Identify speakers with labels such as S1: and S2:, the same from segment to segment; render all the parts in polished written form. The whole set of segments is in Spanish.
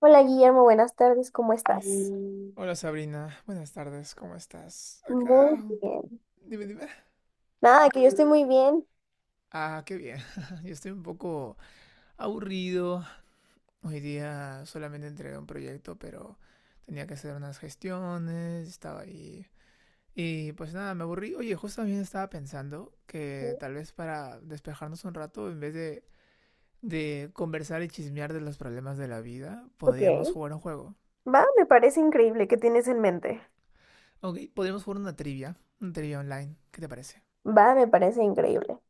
S1: Hola Guillermo, buenas tardes, ¿cómo estás?
S2: Hola Sabrina, buenas tardes, ¿cómo estás?
S1: Muy bien.
S2: Dime, dime.
S1: Nada, que yo estoy muy bien.
S2: Ah, qué bien. Yo estoy un poco aburrido. Hoy día solamente entregué un proyecto, pero tenía que hacer unas gestiones, estaba ahí. Y pues nada, me aburrí. Oye, justo también estaba pensando que tal vez para despejarnos un rato, en vez de conversar y chismear de los problemas de la vida,
S1: Ok.
S2: podríamos jugar un juego.
S1: Va, me parece increíble. ¿Qué tienes en mente?
S2: Ok, podríamos jugar una trivia online. ¿Qué te parece?
S1: Va, me parece increíble.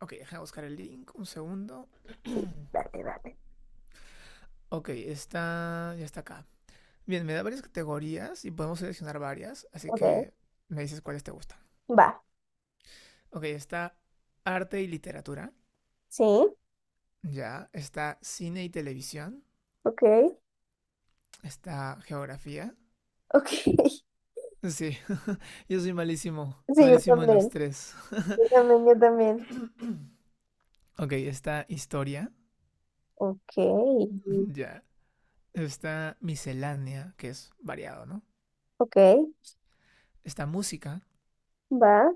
S2: Ok, déjame buscar el link, un segundo.
S1: Sí, dale, dale.
S2: Ok, ya está acá. Bien, me da varias categorías y podemos seleccionar varias, así
S1: Ok.
S2: que me dices cuáles te gustan.
S1: Va,
S2: Ok, está arte y literatura,
S1: sí,
S2: ya, está cine y televisión,
S1: ok,
S2: está geografía.
S1: ok.
S2: Sí, yo soy malísimo,
S1: Sí, yo
S2: malísimo en los
S1: también.
S2: tres.
S1: Yo también, yo también.
S2: Ok, está historia,
S1: Ok, mm.
S2: ya, está miscelánea, que es variado, ¿no?
S1: Ok,
S2: Está música,
S1: va,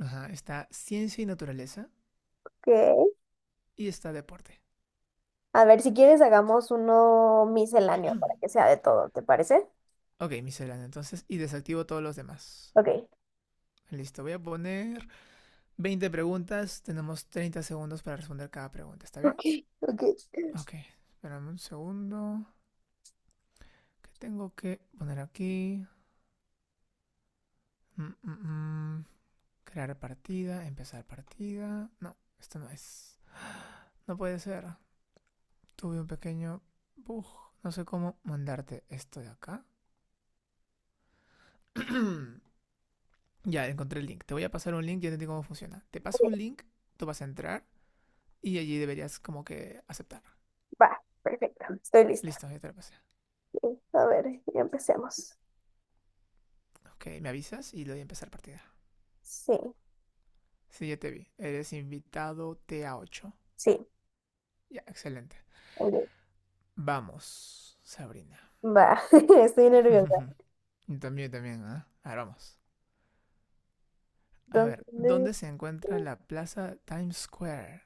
S2: ajá, está ciencia y naturaleza
S1: ok.
S2: y está deporte.
S1: A ver, si quieres, hagamos uno misceláneo para que sea de todo, ¿te parece?
S2: Ok, miscelánea, entonces, y desactivo todos los demás.
S1: Ok,
S2: Listo, voy a poner 20 preguntas. Tenemos 30 segundos para responder cada pregunta, ¿está bien?
S1: ok, ok.
S2: Ok, espérame un segundo. ¿Qué tengo que poner aquí? Mm, mm, mm. Crear partida, empezar partida. No, esto no es. No puede ser. Tuve un pequeño bug. No sé cómo mandarte esto de acá. Ya, encontré el link. Te voy a pasar un link, ya te digo cómo funciona. Te paso un link, tú vas a entrar y allí deberías como que aceptar.
S1: Va, perfecto, estoy lista.
S2: Listo, ya te lo pasé.
S1: A ver, ya empecemos.
S2: Ok, me avisas y le doy a empezar partida.
S1: Sí,
S2: Sí, ya te vi. Eres invitado T a ocho.
S1: sí,
S2: Ya, excelente.
S1: ok,
S2: Vamos, Sabrina.
S1: va, estoy nerviosa.
S2: Yo también, ¿ah? ¿Eh? Ahora vamos. A ver,
S1: ¿Dónde?
S2: ¿dónde se encuentra la plaza Times Square?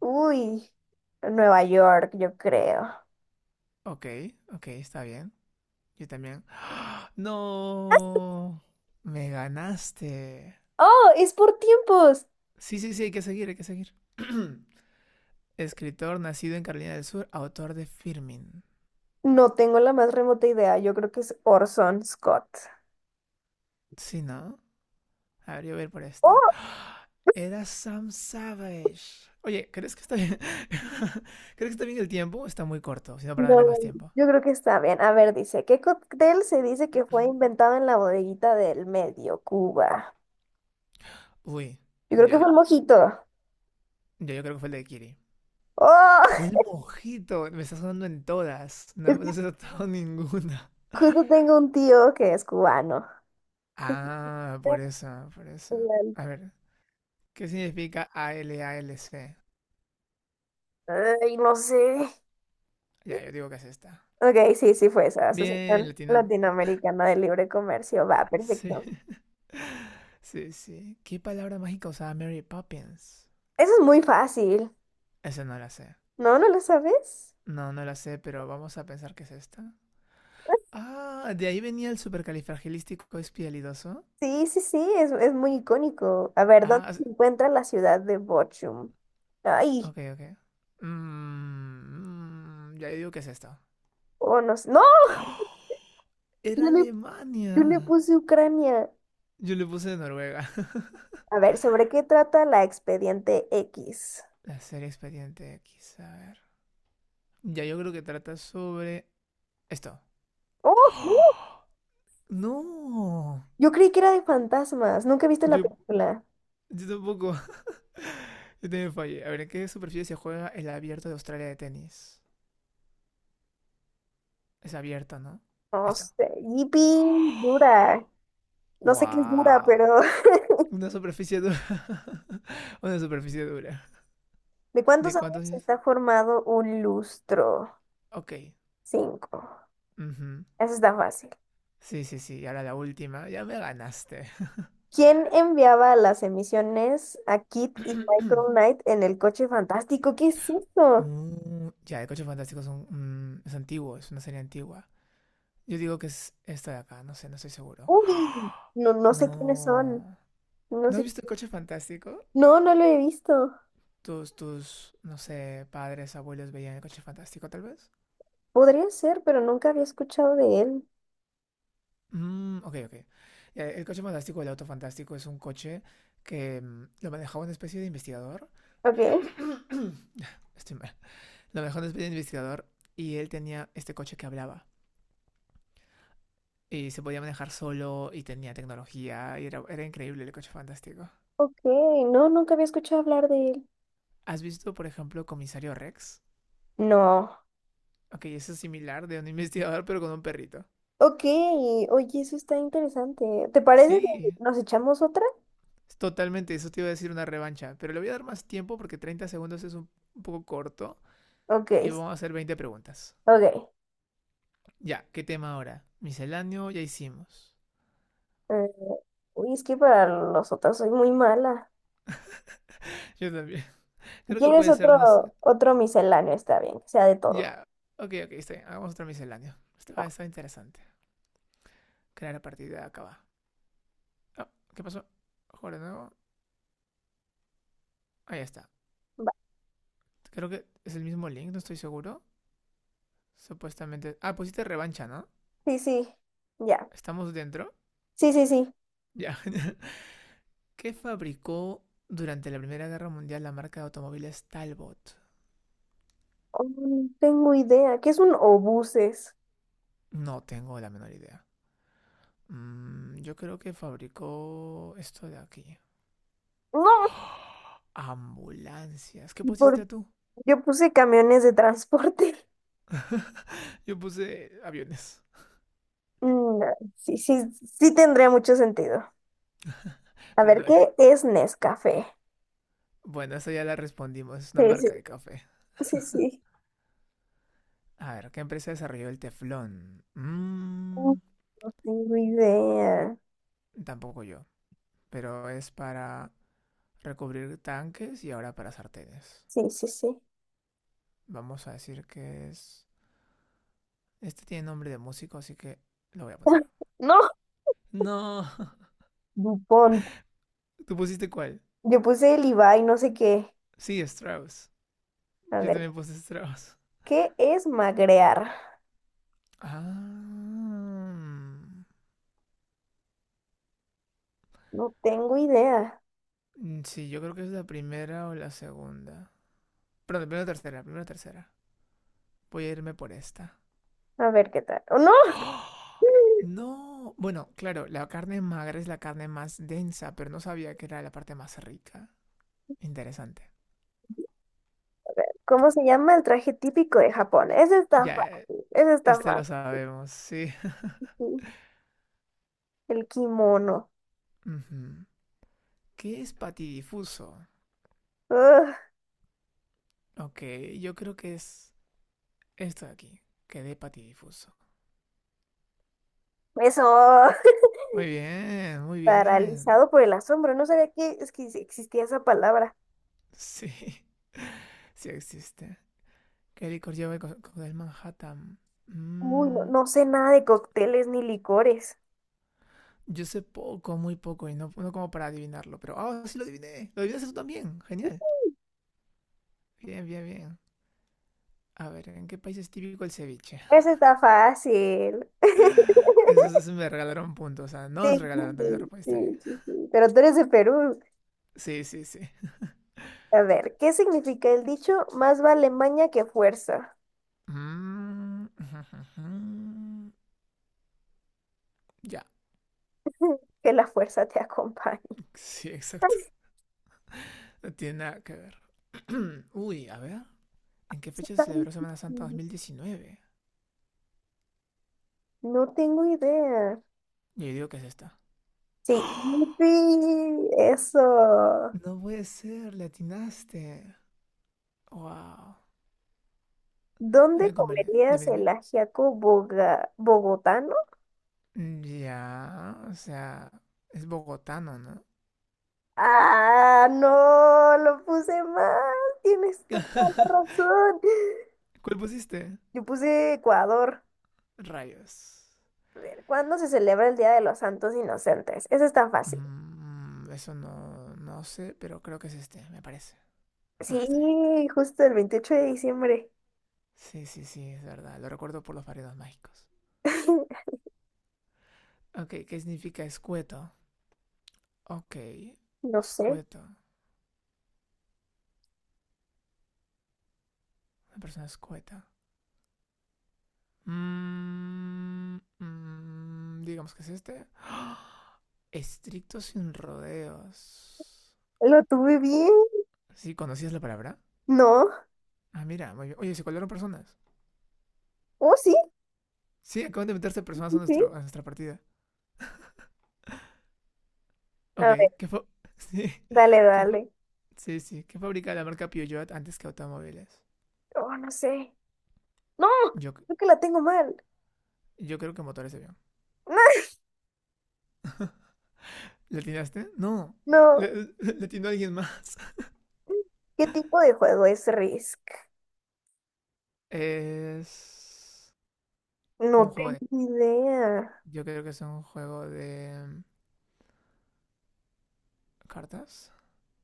S1: Uy, Nueva York, yo creo.
S2: Ok, ok, está bien. Yo también. ¡No! Me ganaste.
S1: ¡Oh, es por tiempos!
S2: Sí, sí, sí, hay que seguir, hay que seguir. Escritor nacido en Carolina del Sur, autor de Firmin.
S1: No tengo la más remota idea, yo creo que es Orson Scott.
S2: Sí, ¿no? A ver, yo voy a ir por
S1: Oh,
S2: este. Era Sam Savage. Oye, ¿crees que está bien? ¿Crees que está bien el tiempo? Está muy corto, sino para
S1: no,
S2: darle más tiempo.
S1: yo creo que está bien. A ver, dice, ¿qué cóctel se dice que fue inventado en la bodeguita del medio, Cuba?
S2: Uy,
S1: Yo creo que fue
S2: ya.
S1: el mojito.
S2: Ya, yo creo que fue el de Kiri.
S1: ¡Oh!
S2: Fue el mojito. Me está sonando en todas. No,
S1: Es que
S2: no se ha notado ninguna.
S1: justo tengo un tío que es cubano. ¿Qué
S2: Ah, por eso, por eso. A ver, ¿qué significa ALALC?
S1: No sé.
S2: Ya, yo digo que es esta.
S1: Ok, sí, sí fue esa.
S2: Bien,
S1: Asociación
S2: latinamos.
S1: Latinoamericana de Libre Comercio. Va,
S2: Sí,
S1: perfecto.
S2: sí, sí. ¿Qué palabra mágica usaba Mary Poppins?
S1: Eso es muy fácil.
S2: Esa no la sé.
S1: ¿No? ¿No lo sabes?
S2: No, no la sé, pero vamos a pensar que es esta. Ah, de ahí venía el supercalifragilístico espialidoso.
S1: Sí, sí, sí, es muy icónico. A ver, ¿dónde
S2: Ah,
S1: se encuentra la ciudad de Bochum? Ay,
S2: ok, ok. Ya digo que es esto.
S1: oh, no sé. ¡No!
S2: Era
S1: Yo le, yo le
S2: Alemania.
S1: puse Ucrania.
S2: Yo le puse Noruega.
S1: A ver, ¿sobre qué trata la Expediente X?
S2: La serie Expediente X, a ver. Ya yo creo que trata sobre esto.
S1: ¡Oh! ¡Uh!
S2: No.
S1: Yo creí que era de fantasmas. ¿Nunca viste la
S2: Yo,
S1: película?
S2: yo tampoco. Yo también fallé. A ver, ¿en qué superficie se juega el abierto de Australia de tenis? Es abierto, ¿no?
S1: No
S2: Esto.
S1: sé. Yipi, dura. No sé qué es dura, pero
S2: Wow. Una superficie dura. Una superficie dura.
S1: ¿de cuántos
S2: ¿De cuántos
S1: años
S2: años?
S1: está formado un lustro?
S2: Ok.
S1: Cinco.
S2: Ujú.
S1: Eso está fácil.
S2: Sí, sí, sí. Y ahora la última. Ya me ganaste.
S1: ¿Quién enviaba las emisiones a Kit y Michael Knight en el coche fantástico? ¿Qué es eso?
S2: Ya, el coche fantástico es antiguo, es una serie antigua. Yo digo que es esta de acá, no sé, no estoy seguro.
S1: Uy, no, no sé quiénes son.
S2: No.
S1: No
S2: ¿No has
S1: sé.
S2: visto el coche fantástico?
S1: No, no lo he visto.
S2: Tus, no sé, padres, abuelos veían el coche fantástico, tal vez.
S1: Podría ser, pero nunca había escuchado de él.
S2: Ok, ok. Ya, el coche fantástico, el auto fantástico, es un coche que lo manejaba una especie de investigador,
S1: Ok,
S2: estoy mal. Lo mejor es de investigador y él tenía este coche que hablaba. Y se podía manejar solo y tenía tecnología y era increíble el coche fantástico.
S1: ok. No, nunca había escuchado hablar de él.
S2: ¿Has visto, por ejemplo, Comisario Rex?
S1: No.
S2: Ok, eso es similar de un investigador pero con un perrito.
S1: Ok, oye, eso está interesante. ¿Te parece
S2: Sí,
S1: que nos echamos otra?
S2: es totalmente, eso te iba a decir una revancha, pero le voy a dar más tiempo porque 30 segundos es un poco corto
S1: Ok,
S2: y vamos a hacer 20 preguntas.
S1: ok.
S2: Ya, ¿qué tema ahora? Misceláneo ya hicimos.
S1: Eh, es que para los otros soy muy mala.
S2: Yo también.
S1: Si
S2: Creo que
S1: ¿quieres
S2: puede ser, no.
S1: otro, otro misceláneo? Está bien, que sea de todo.
S2: Ya. Ok, ok, está bien. Hagamos otro misceláneo.
S1: Va,
S2: Estaba interesante. Crear a partir de acá. Va. Ah, ¿qué pasó? Joder, no. Ahí está.
S1: va.
S2: Creo que es el mismo link, no estoy seguro. Supuestamente. Ah, pusiste revancha, ¿no?
S1: Sí, sí, ya.
S2: ¿Estamos dentro?
S1: Sí, sí, sí.
S2: Ya. ¿Qué fabricó durante la Primera Guerra Mundial la marca de automóviles Talbot?
S1: Oh, no tengo idea. ¿Qué es un obuses?
S2: No tengo la menor idea. Yo creo que fabricó esto de aquí.
S1: No,
S2: ¡Oh! Ambulancias. ¿Qué
S1: ¿y por qué
S2: pusiste tú?
S1: yo puse camiones de transporte?
S2: Yo puse aviones,
S1: No, sí, sí, sí tendría mucho sentido. A
S2: pero no.
S1: ver, ¿qué es Nescafé?
S2: Bueno, eso ya la respondimos, es una
S1: Sí,
S2: marca de café.
S1: sí, sí, sí.
S2: A ver, ¿qué empresa desarrolló el teflón?
S1: Mm, no tengo idea.
S2: Tampoco yo, pero es para recubrir tanques y ahora para sartenes.
S1: Sí, sí, sí.
S2: Vamos a decir que es... Este tiene nombre de músico, así que lo voy a poner.
S1: No,
S2: No,
S1: Dupont.
S2: ¿tú pusiste cuál?
S1: Yo puse el Ibai, no sé qué.
S2: Sí, Strauss.
S1: A
S2: Yo
S1: ver,
S2: también puse Strauss.
S1: ¿qué es magrear?
S2: Ah,
S1: No tengo idea.
S2: sí, yo creo que es la primera o la segunda. Perdón, primero tercera, primero tercera. Voy a irme por esta.
S1: A ver qué tal. ¡Oh, no!
S2: No, bueno, claro, la carne magra es la carne más densa, pero no sabía que era la parte más rica. Interesante.
S1: ¿Cómo se llama el traje típico de Japón? Ese está
S2: Ya,
S1: fácil, ese está
S2: este lo sabemos, sí.
S1: fácil. El kimono.
S2: Ujú. ¿Qué es patidifuso?
S1: Ugh,
S2: Ok, yo creo que es esto de aquí, que de patidifuso.
S1: eso.
S2: Muy bien, muy bien.
S1: Paralizado por el asombro. No sabía es que existía esa palabra.
S2: Sí, sí existe. ¿Qué licor lleva el cóctel Manhattan?
S1: Uy, no,
S2: Mm,
S1: no sé nada de cócteles ni licores.
S2: yo sé poco, muy poco, y no, no como para adivinarlo, pero... ¡Ah, sí lo adiviné! ¡Lo adivinaste tú también! ¡Genial! Bien, bien, bien. A ver, ¿en qué país es típico el ceviche?
S1: Ese está fácil.
S2: Eso me regalaron puntos. O sea, no nos
S1: Sí, sí,
S2: regalaron también la
S1: sí,
S2: respuesta bien.
S1: sí, sí, sí. Pero tú eres de Perú.
S2: Sí, sí, sí.
S1: A ver, ¿qué significa el dicho? Más vale maña que fuerza.
S2: Mm, Ya,
S1: Que la fuerza te acompañe.
S2: sí,
S1: Ay,
S2: exacto. No tiene nada que ver. Uy, a ver. ¿En qué fecha se
S1: está
S2: celebró Semana Santa
S1: difícil.
S2: 2019?
S1: No tengo idea.
S2: Yo digo que es esta.
S1: Sí, yupi, eso.
S2: No puede ser, le atinaste. Wow.
S1: ¿Dónde
S2: ¿Dónde convenía?
S1: comerías
S2: Dime,
S1: el
S2: dime.
S1: ajiaco boga- bogotano?
S2: Ya, o sea, es bogotano, ¿no?
S1: Ah, no, lo puse mal. Tienes toda la razón.
S2: ¿Cuál pusiste?
S1: Yo puse Ecuador.
S2: Rayos.
S1: A ver, ¿cuándo se celebra el Día de los Santos Inocentes? Eso es tan fácil.
S2: Eso no, no sé, pero creo que es este, me parece. Ah, está bien.
S1: Sí, justo el 28 de diciembre.
S2: Sí, sí, sí, es verdad. Lo recuerdo por los variados mágicos. Ok, ¿qué significa escueto? Ok,
S1: No sé.
S2: escueto. Una persona escueta. Digamos que es este. Estricto sin rodeos.
S1: ¿Lo tuve bien?
S2: ¿Sí? ¿Conocías la palabra?
S1: No.
S2: Ah, mira, muy bien. Oye, se colaron personas.
S1: Oh, sí,
S2: Sí, acaban de meterse personas
S1: sí, sí.
S2: a nuestra partida. Ok,
S1: A ver,
S2: ¿qué fue? Sí,
S1: dale,
S2: ¿qué
S1: dale.
S2: sí, sí. ¿Qué fabrica la marca Peugeot antes que automóviles?
S1: Oh, no sé. No,
S2: Yo,
S1: creo que la tengo mal.
S2: yo creo que motores de avión. ¿Le atinaste? No.
S1: No.
S2: Le, le atinó alguien más.
S1: ¿Qué tipo de juego es Risk?
S2: Es un
S1: No
S2: juego
S1: tengo
S2: de...
S1: idea.
S2: Yo creo que es un juego de... ¿cartas?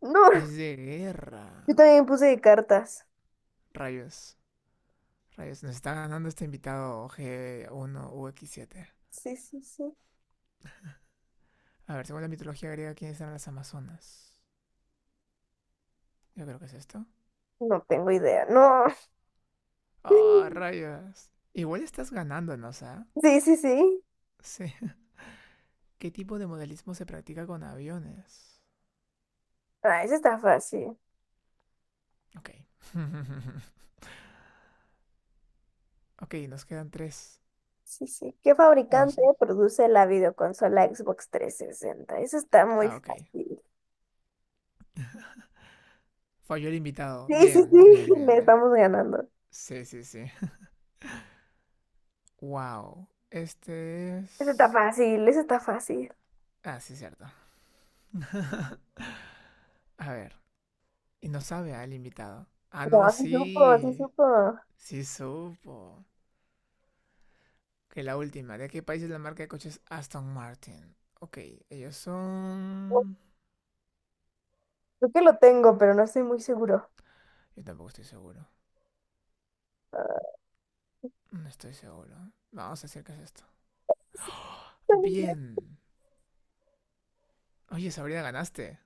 S1: No,
S2: Es de
S1: yo
S2: guerra.
S1: también puse de cartas.
S2: Rayos. Rayos. Nos está ganando este invitado g 1 x 7.
S1: Sí, sí, sí.
S2: A ver, según la mitología griega, ¿quiénes eran las Amazonas? Yo creo que es esto.
S1: No tengo idea. No.
S2: ¡Ah, rayos! Igual estás ganándonos, ¿ah?
S1: Sí, sí, sí.
S2: Sí. ¿Qué tipo de modelismo se practica con aviones?
S1: Ah, eso está fácil.
S2: Ok. Ok, nos quedan tres.
S1: Sí, sí. ¿Qué
S2: Dos.
S1: fabricante produce la videoconsola Xbox 360? Eso está muy
S2: Ah, ok.
S1: fácil.
S2: Falló el invitado.
S1: Sí, sí,
S2: Bien,
S1: sí,
S2: bien, bien,
S1: le
S2: bien.
S1: estamos ganando.
S2: Sí, sí, sí. Wow. Este
S1: Eso está
S2: es...
S1: fácil, eso está fácil.
S2: Ah, sí, cierto. A ver. Y no sabe al invitado. Ah, no,
S1: No, sí supo, sí
S2: sí.
S1: supo.
S2: Sí supo. Que la última. ¿De qué país es la marca de coches Aston Martin? Ok, ellos son...
S1: Creo que lo tengo, pero no estoy muy seguro.
S2: Yo tampoco estoy seguro.
S1: Ah,
S2: No estoy seguro. Vamos a decir que es esto. Bien. Oye, Sabrina, ganaste.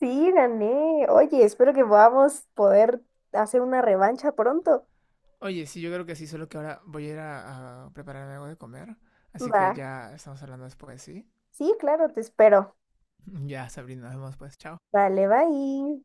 S1: sí, gané. Oye, espero que podamos poder hacer una revancha pronto.
S2: Oye, sí, yo creo que sí, solo que ahora voy a ir a prepararme algo de comer. Así
S1: Va.
S2: que ya estamos hablando después, ¿sí?
S1: Sí, claro, te espero.
S2: Ya, Sabrina, nos vemos pues. Chao.
S1: Vale, bye.